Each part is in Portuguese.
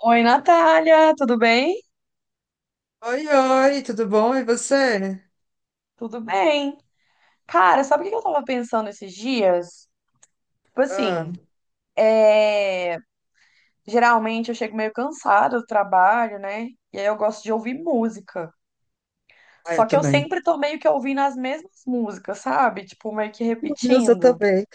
Oi, Natália, tudo bem? Oi, oi, tudo bom? E você? Tudo bem. Cara, sabe o que eu tava pensando esses dias? Tipo Ah, assim, é, geralmente eu chego meio cansada do trabalho, né? E aí eu gosto de ouvir música. ah, eu Só que eu também. sempre tô meio que ouvindo as mesmas músicas, sabe? Tipo, meio que Meu Deus, eu repetindo. também.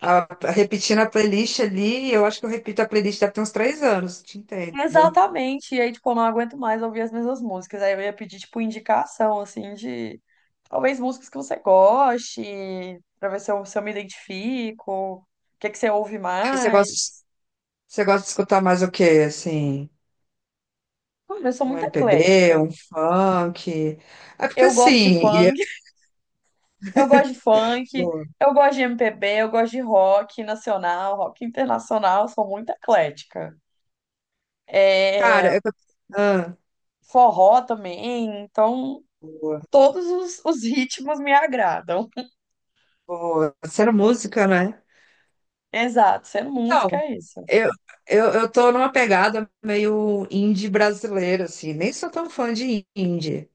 Ah, repetindo a playlist ali, eu acho que eu repito a playlist deve ter uns 3 anos, te entendo. Exatamente. E aí, tipo, eu não aguento mais ouvir as mesmas músicas. Aí eu ia pedir, tipo, indicação, assim, de talvez músicas que você goste, pra ver se eu me identifico. O que que você ouve Mas Você gosta, mais? você gosta de escutar mais o quê? Assim, Mano, eu sou um muito MPB, eclética. um funk? É porque Eu gosto de assim, funk, eu gosto de funk, boa. eu gosto de MPB, eu gosto de rock nacional, rock internacional, eu sou muito eclética. Cara, É, eu. Ah, forró também, então boa, todos os ritmos me agradam. boa. Sendo música, né? Exato, sendo música Então, é isso. eu, eu tô numa pegada meio indie brasileira, assim. Nem sou tão fã de indie.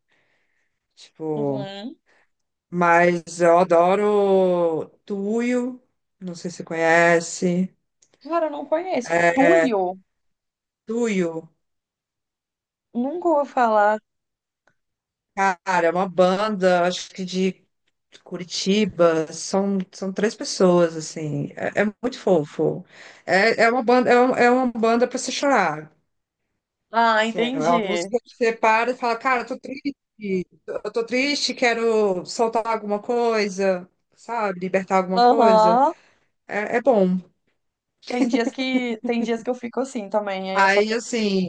Tipo, Uhum. mas eu adoro Tuyo, não sei se você conhece. Cara, eu não conheço. É, Tuyo? Tuyo, Nunca vou falar. cara, é uma banda, acho que de Curitiba, são 3 pessoas, assim, é muito fofo. É uma banda, é uma banda pra você chorar. Ah, Assim, é uma entendi. música que você para e fala, cara, eu tô triste, quero soltar alguma coisa, sabe? Libertar alguma coisa. Aham. É bom. Tem dias que eu fico assim também, aí eu só Aí, quero assim.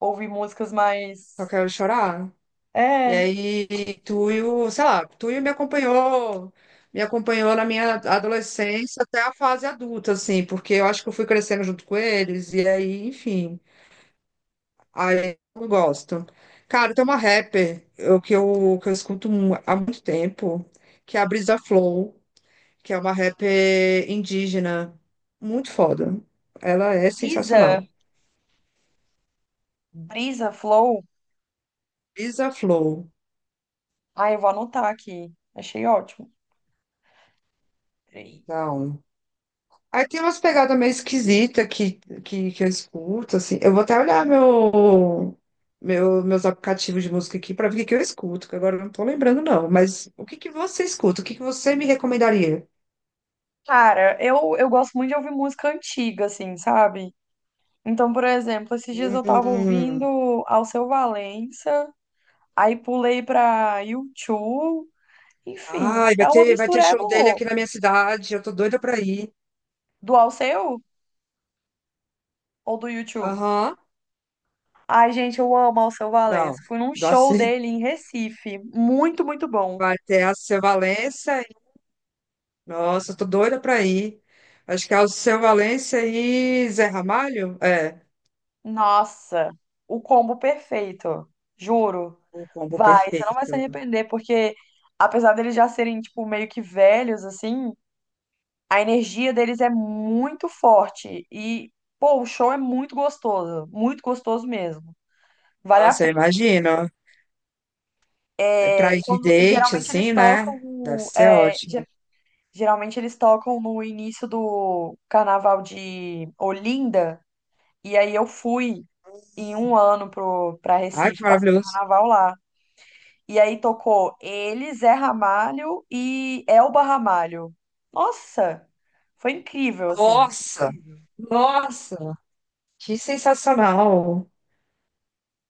ouvir músicas mais Só quero chorar. E é, aí, Tuyo, sei lá, Tuyo me acompanhou na minha adolescência até a fase adulta, assim, porque eu acho que eu fui crescendo junto com eles, e aí, enfim, aí eu gosto. Cara, tem uma rapper que eu escuto há muito tempo, que é a Brisa Flow, que é uma rapper indígena, muito foda. Ela é Brisa, sensacional. Brisa Flow. Brisa Flow, Ah, eu vou anotar aqui. Achei ótimo. Peraí. então. Aí tem umas pegadas meio esquisitas que eu escuto, assim. Eu vou até olhar meus aplicativos de música aqui para ver o que que eu escuto, que agora eu não tô lembrando, não. Mas o que que você escuta? O que que você me recomendaria? Cara, eu gosto muito de ouvir música antiga, assim, sabe? Então, por exemplo, esses dias eu tava ouvindo Hum. Alceu Valença, aí pulei pra U2, enfim, Ai, vai é uma ter, vai ter mistureba show dele aqui na louca. minha cidade. Eu tô doida pra ir. Do Alceu ou do U2? Aham. Ai, gente, eu amo Alceu Valença. Não. Fui num show Nossa, dele em Recife, muito, muito bom. vai ter a Alceu Valença. Nossa, eu tô doida pra ir. Acho que é Alceu Valença e Zé Ramalho? É, Nossa, o combo perfeito. Juro. o combo Vai, você não vai se perfeito. arrepender, porque apesar deles já serem, tipo, meio que velhos, assim, a energia deles é muito forte. E, pô, o show é muito gostoso. Muito gostoso mesmo. Vale a Nossa, eu pena. imagino. É, Pra ir de quando, date, geralmente eles assim, tocam. né? Deve O- ser É, ge- ótimo. geralmente eles tocam no início do carnaval de Olinda. E aí eu fui em um ano pra Ai, que Recife, passar o maravilhoso. carnaval lá. E aí tocou ele, Zé Ramalho e Elba Ramalho. Nossa, foi incrível, assim. Nossa! Incrível. Nossa! Que sensacional!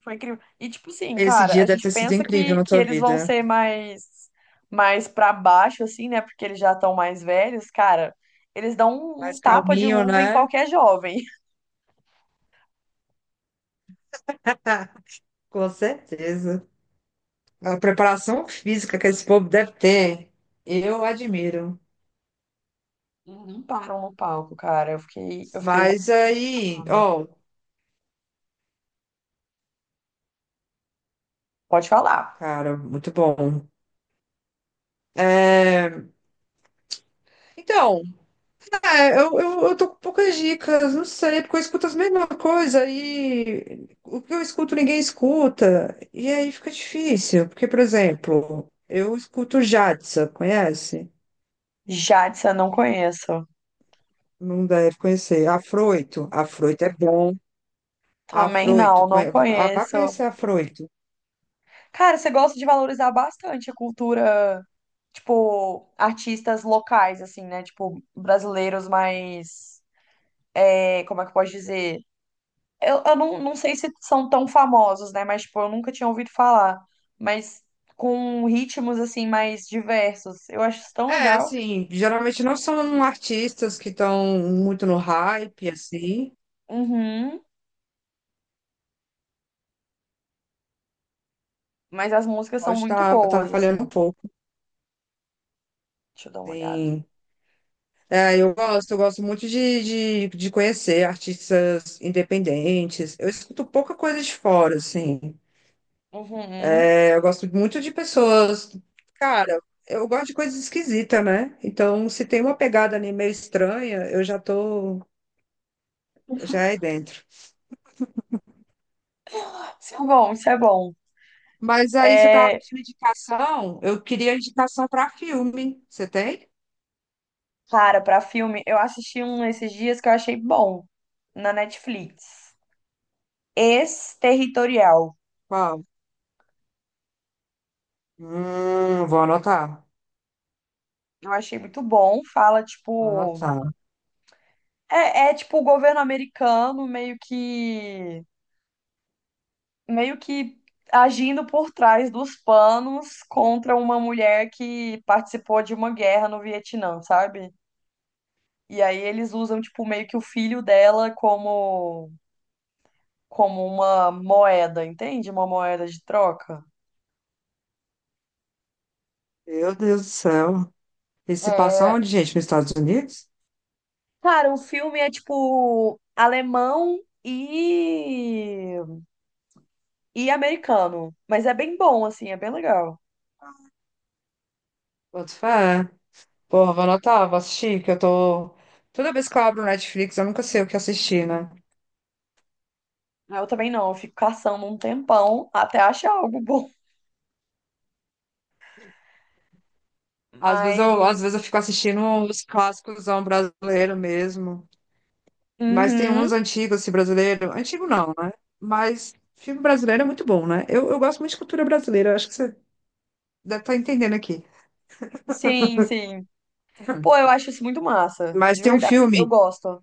Foi incrível. E tipo assim, Esse cara, a dia deve gente ter sido pensa incrível que, na que tua eles vão vida. ser mais para baixo assim, né? Porque eles já estão mais velhos, cara. Eles dão um Mais tapa de calminho, luva em né? qualquer jovem. Com certeza. A preparação física que esse povo deve ter, eu admiro. Não Uhum. param no palco, cara. Eu fiquei Mas aí, revoltada. ó, Pode falar. cara, muito bom. É, Então, eu tô com poucas dicas, não sei, porque eu escuto as mesmas coisas e o que eu escuto ninguém escuta, e aí fica difícil, porque, por exemplo, eu escuto Jadsa, conhece? Jadson, não conheço. Não deve conhecer. Afroito, Afroito é bom. Também Afroito, não ah, vai conheço. conhecer Afroito. Cara, você gosta de valorizar bastante a cultura, tipo, artistas locais, assim, né? Tipo, brasileiros mais. É, como é que eu posso dizer? Eu não sei se são tão famosos, né? Mas, tipo, eu nunca tinha ouvido falar. Mas com ritmos, assim, mais diversos. Eu acho isso tão É, legal. assim, geralmente não são artistas que estão muito no hype, assim, Uhum. Mas as músicas pode são muito estar tá boas, falhando um assim. pouco, Deixa eu dar uma olhada. sim. É, eu gosto muito de conhecer artistas independentes. Eu escuto pouca coisa de fora, assim. Uhum. É, eu gosto muito de pessoas. Cara, eu gosto de coisas esquisitas, né? Então, se tem uma pegada ali meio estranha, eu já tô, já é dentro. Isso é bom, isso é bom. Mas aí você tava É. pedindo indicação, eu queria indicação para filme. Você tem? Cara, pra filme, eu assisti um esses dias que eu achei bom na Netflix. Ex-Territorial. Qual? Vou anotar. Eu achei muito bom. Fala, Vou tipo. anotar. É, é tipo o governo americano meio que. Meio que agindo por trás dos panos contra uma mulher que participou de uma guerra no Vietnã, sabe? E aí eles usam, tipo, meio que o filho dela como. Como uma moeda, entende? Uma moeda de troca. Meu Deus do céu. E se passar É, onde, gente? Nos Estados Unidos? cara, um filme é tipo alemão e americano, mas é bem bom assim, é bem legal. Boto fé. Porra, vou anotar, vou assistir, que eu tô. Toda vez que eu abro o Netflix, eu nunca sei o que assistir, né? Ah, eu também não, eu fico caçando um tempão até achar algo bom. Às vezes eu, às vezes Mas eu fico assistindo os clássicos brasileiro mesmo. Mas tem uhum, uns antigos, assim, brasileiro. Antigo não, né? Mas filme brasileiro é muito bom, né? Eu gosto muito de cultura brasileira, eu acho que você deve estar entendendo aqui. sim, sim. Pô, eu acho isso muito massa, Mas de tem um verdade. Eu filme, gosto.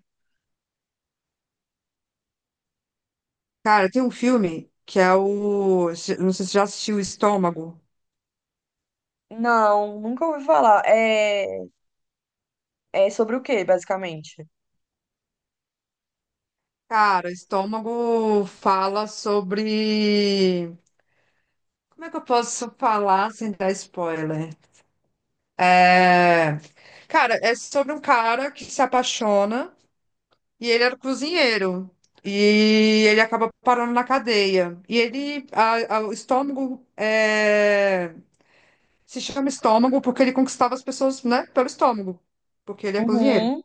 cara, tem um filme que é o. Não sei se você já assistiu Estômago. Não, nunca ouvi falar. É sobre o quê, basicamente? Cara, Estômago fala sobre. Como é que eu posso falar sem dar spoiler? É, cara, é sobre um cara que se apaixona e ele era cozinheiro. E ele acaba parando na cadeia. E ele. O estômago é, se chama estômago porque ele conquistava as pessoas, né? Pelo estômago. Porque ele é cozinheiro. Uhum,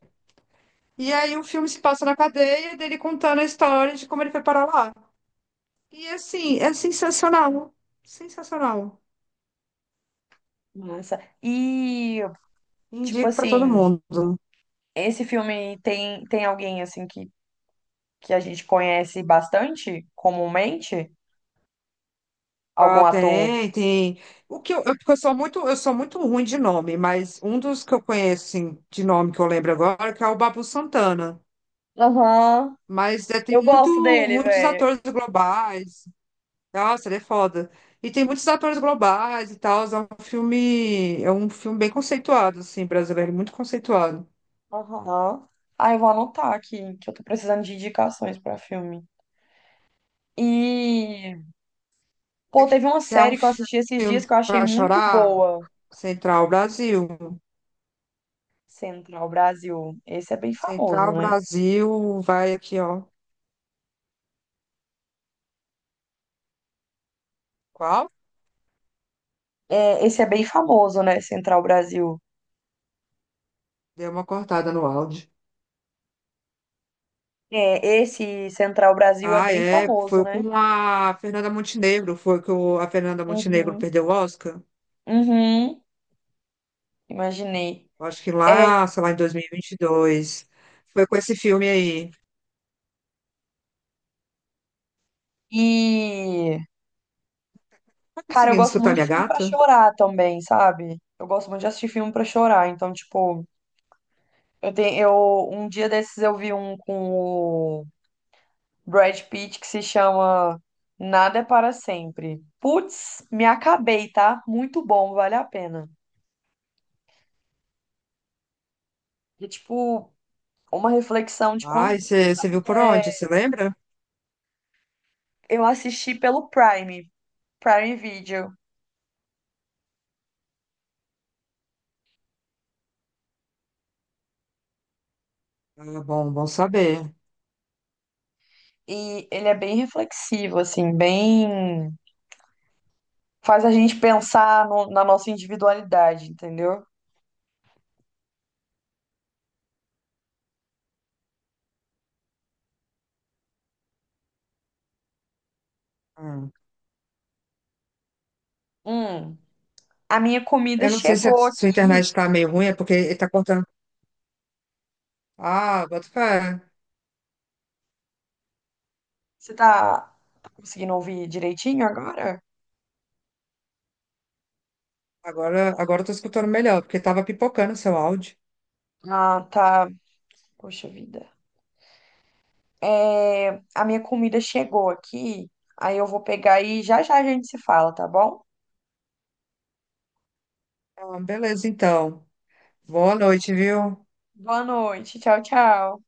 E aí o filme se passa na cadeia dele contando a história de como ele foi parar lá. E assim, é sensacional. Sensacional. massa. E tipo Indico pra todo assim, mundo. esse filme tem alguém assim que a gente conhece bastante comumente, algum Ah, ator. tem, tem. O que eu, porque eu sou muito ruim de nome, mas um dos que eu conheço, assim, de nome que eu lembro agora, que é o Babu Santana. Aham, Mas é, tem eu gosto dele, muitos velho. atores globais. Nossa, ele é foda. E tem muitos atores globais e tal. É um filme bem conceituado, assim, brasileiro, muito conceituado. Aham. Ah, eu vou anotar aqui, que eu tô precisando de indicações pra filme. E, pô, Você teve uma quer um série que eu assisti esses dias filme que eu achei para muito chorar? boa, Central Brasil. Central Brasil. Esse é bem famoso, Central né? Brasil, vai aqui, ó. Qual? É, esse é bem famoso, né, Central Brasil. Deu uma cortada no áudio. É, esse Central Brasil é Ah, bem é. famoso, Foi né? com a Fernanda Montenegro. Foi que a Fernanda Montenegro Uhum, perdeu o Oscar. uhum, imaginei. Eu acho que É, lá, sei lá, em dois mil e vinte e dois, foi com esse filme aí. e Tá cara, eu conseguindo gosto escutar muito de minha filme pra gata? chorar também, sabe? Eu gosto muito de assistir filme pra chorar. Então, tipo, eu tenho, eu um dia desses eu vi um com o Brad Pitt que se chama Nada é para sempre. Putz, me acabei, tá? Muito bom, vale a pena. E tipo, uma reflexão de Ah, quando você viu por onde? Você lembra? eu assisti pelo Prime, Prime Video, Ah, bom, bom saber. e ele é bem reflexivo assim, bem faz a gente pensar na nossa individualidade, entendeu? Hum. Hum. A minha comida Eu não sei se a chegou sua internet aqui. está meio ruim, é porque ele tá cortando. Ah, bota fé. Você tá conseguindo ouvir direitinho agora? Agora, agora eu tô escutando melhor, porque tava pipocando o seu áudio. Ah, tá. Poxa vida. É, a minha comida chegou aqui. Aí eu vou pegar e já já a gente se fala, tá bom? Ah, beleza, então. Boa noite, viu? Boa noite. Tchau, tchau.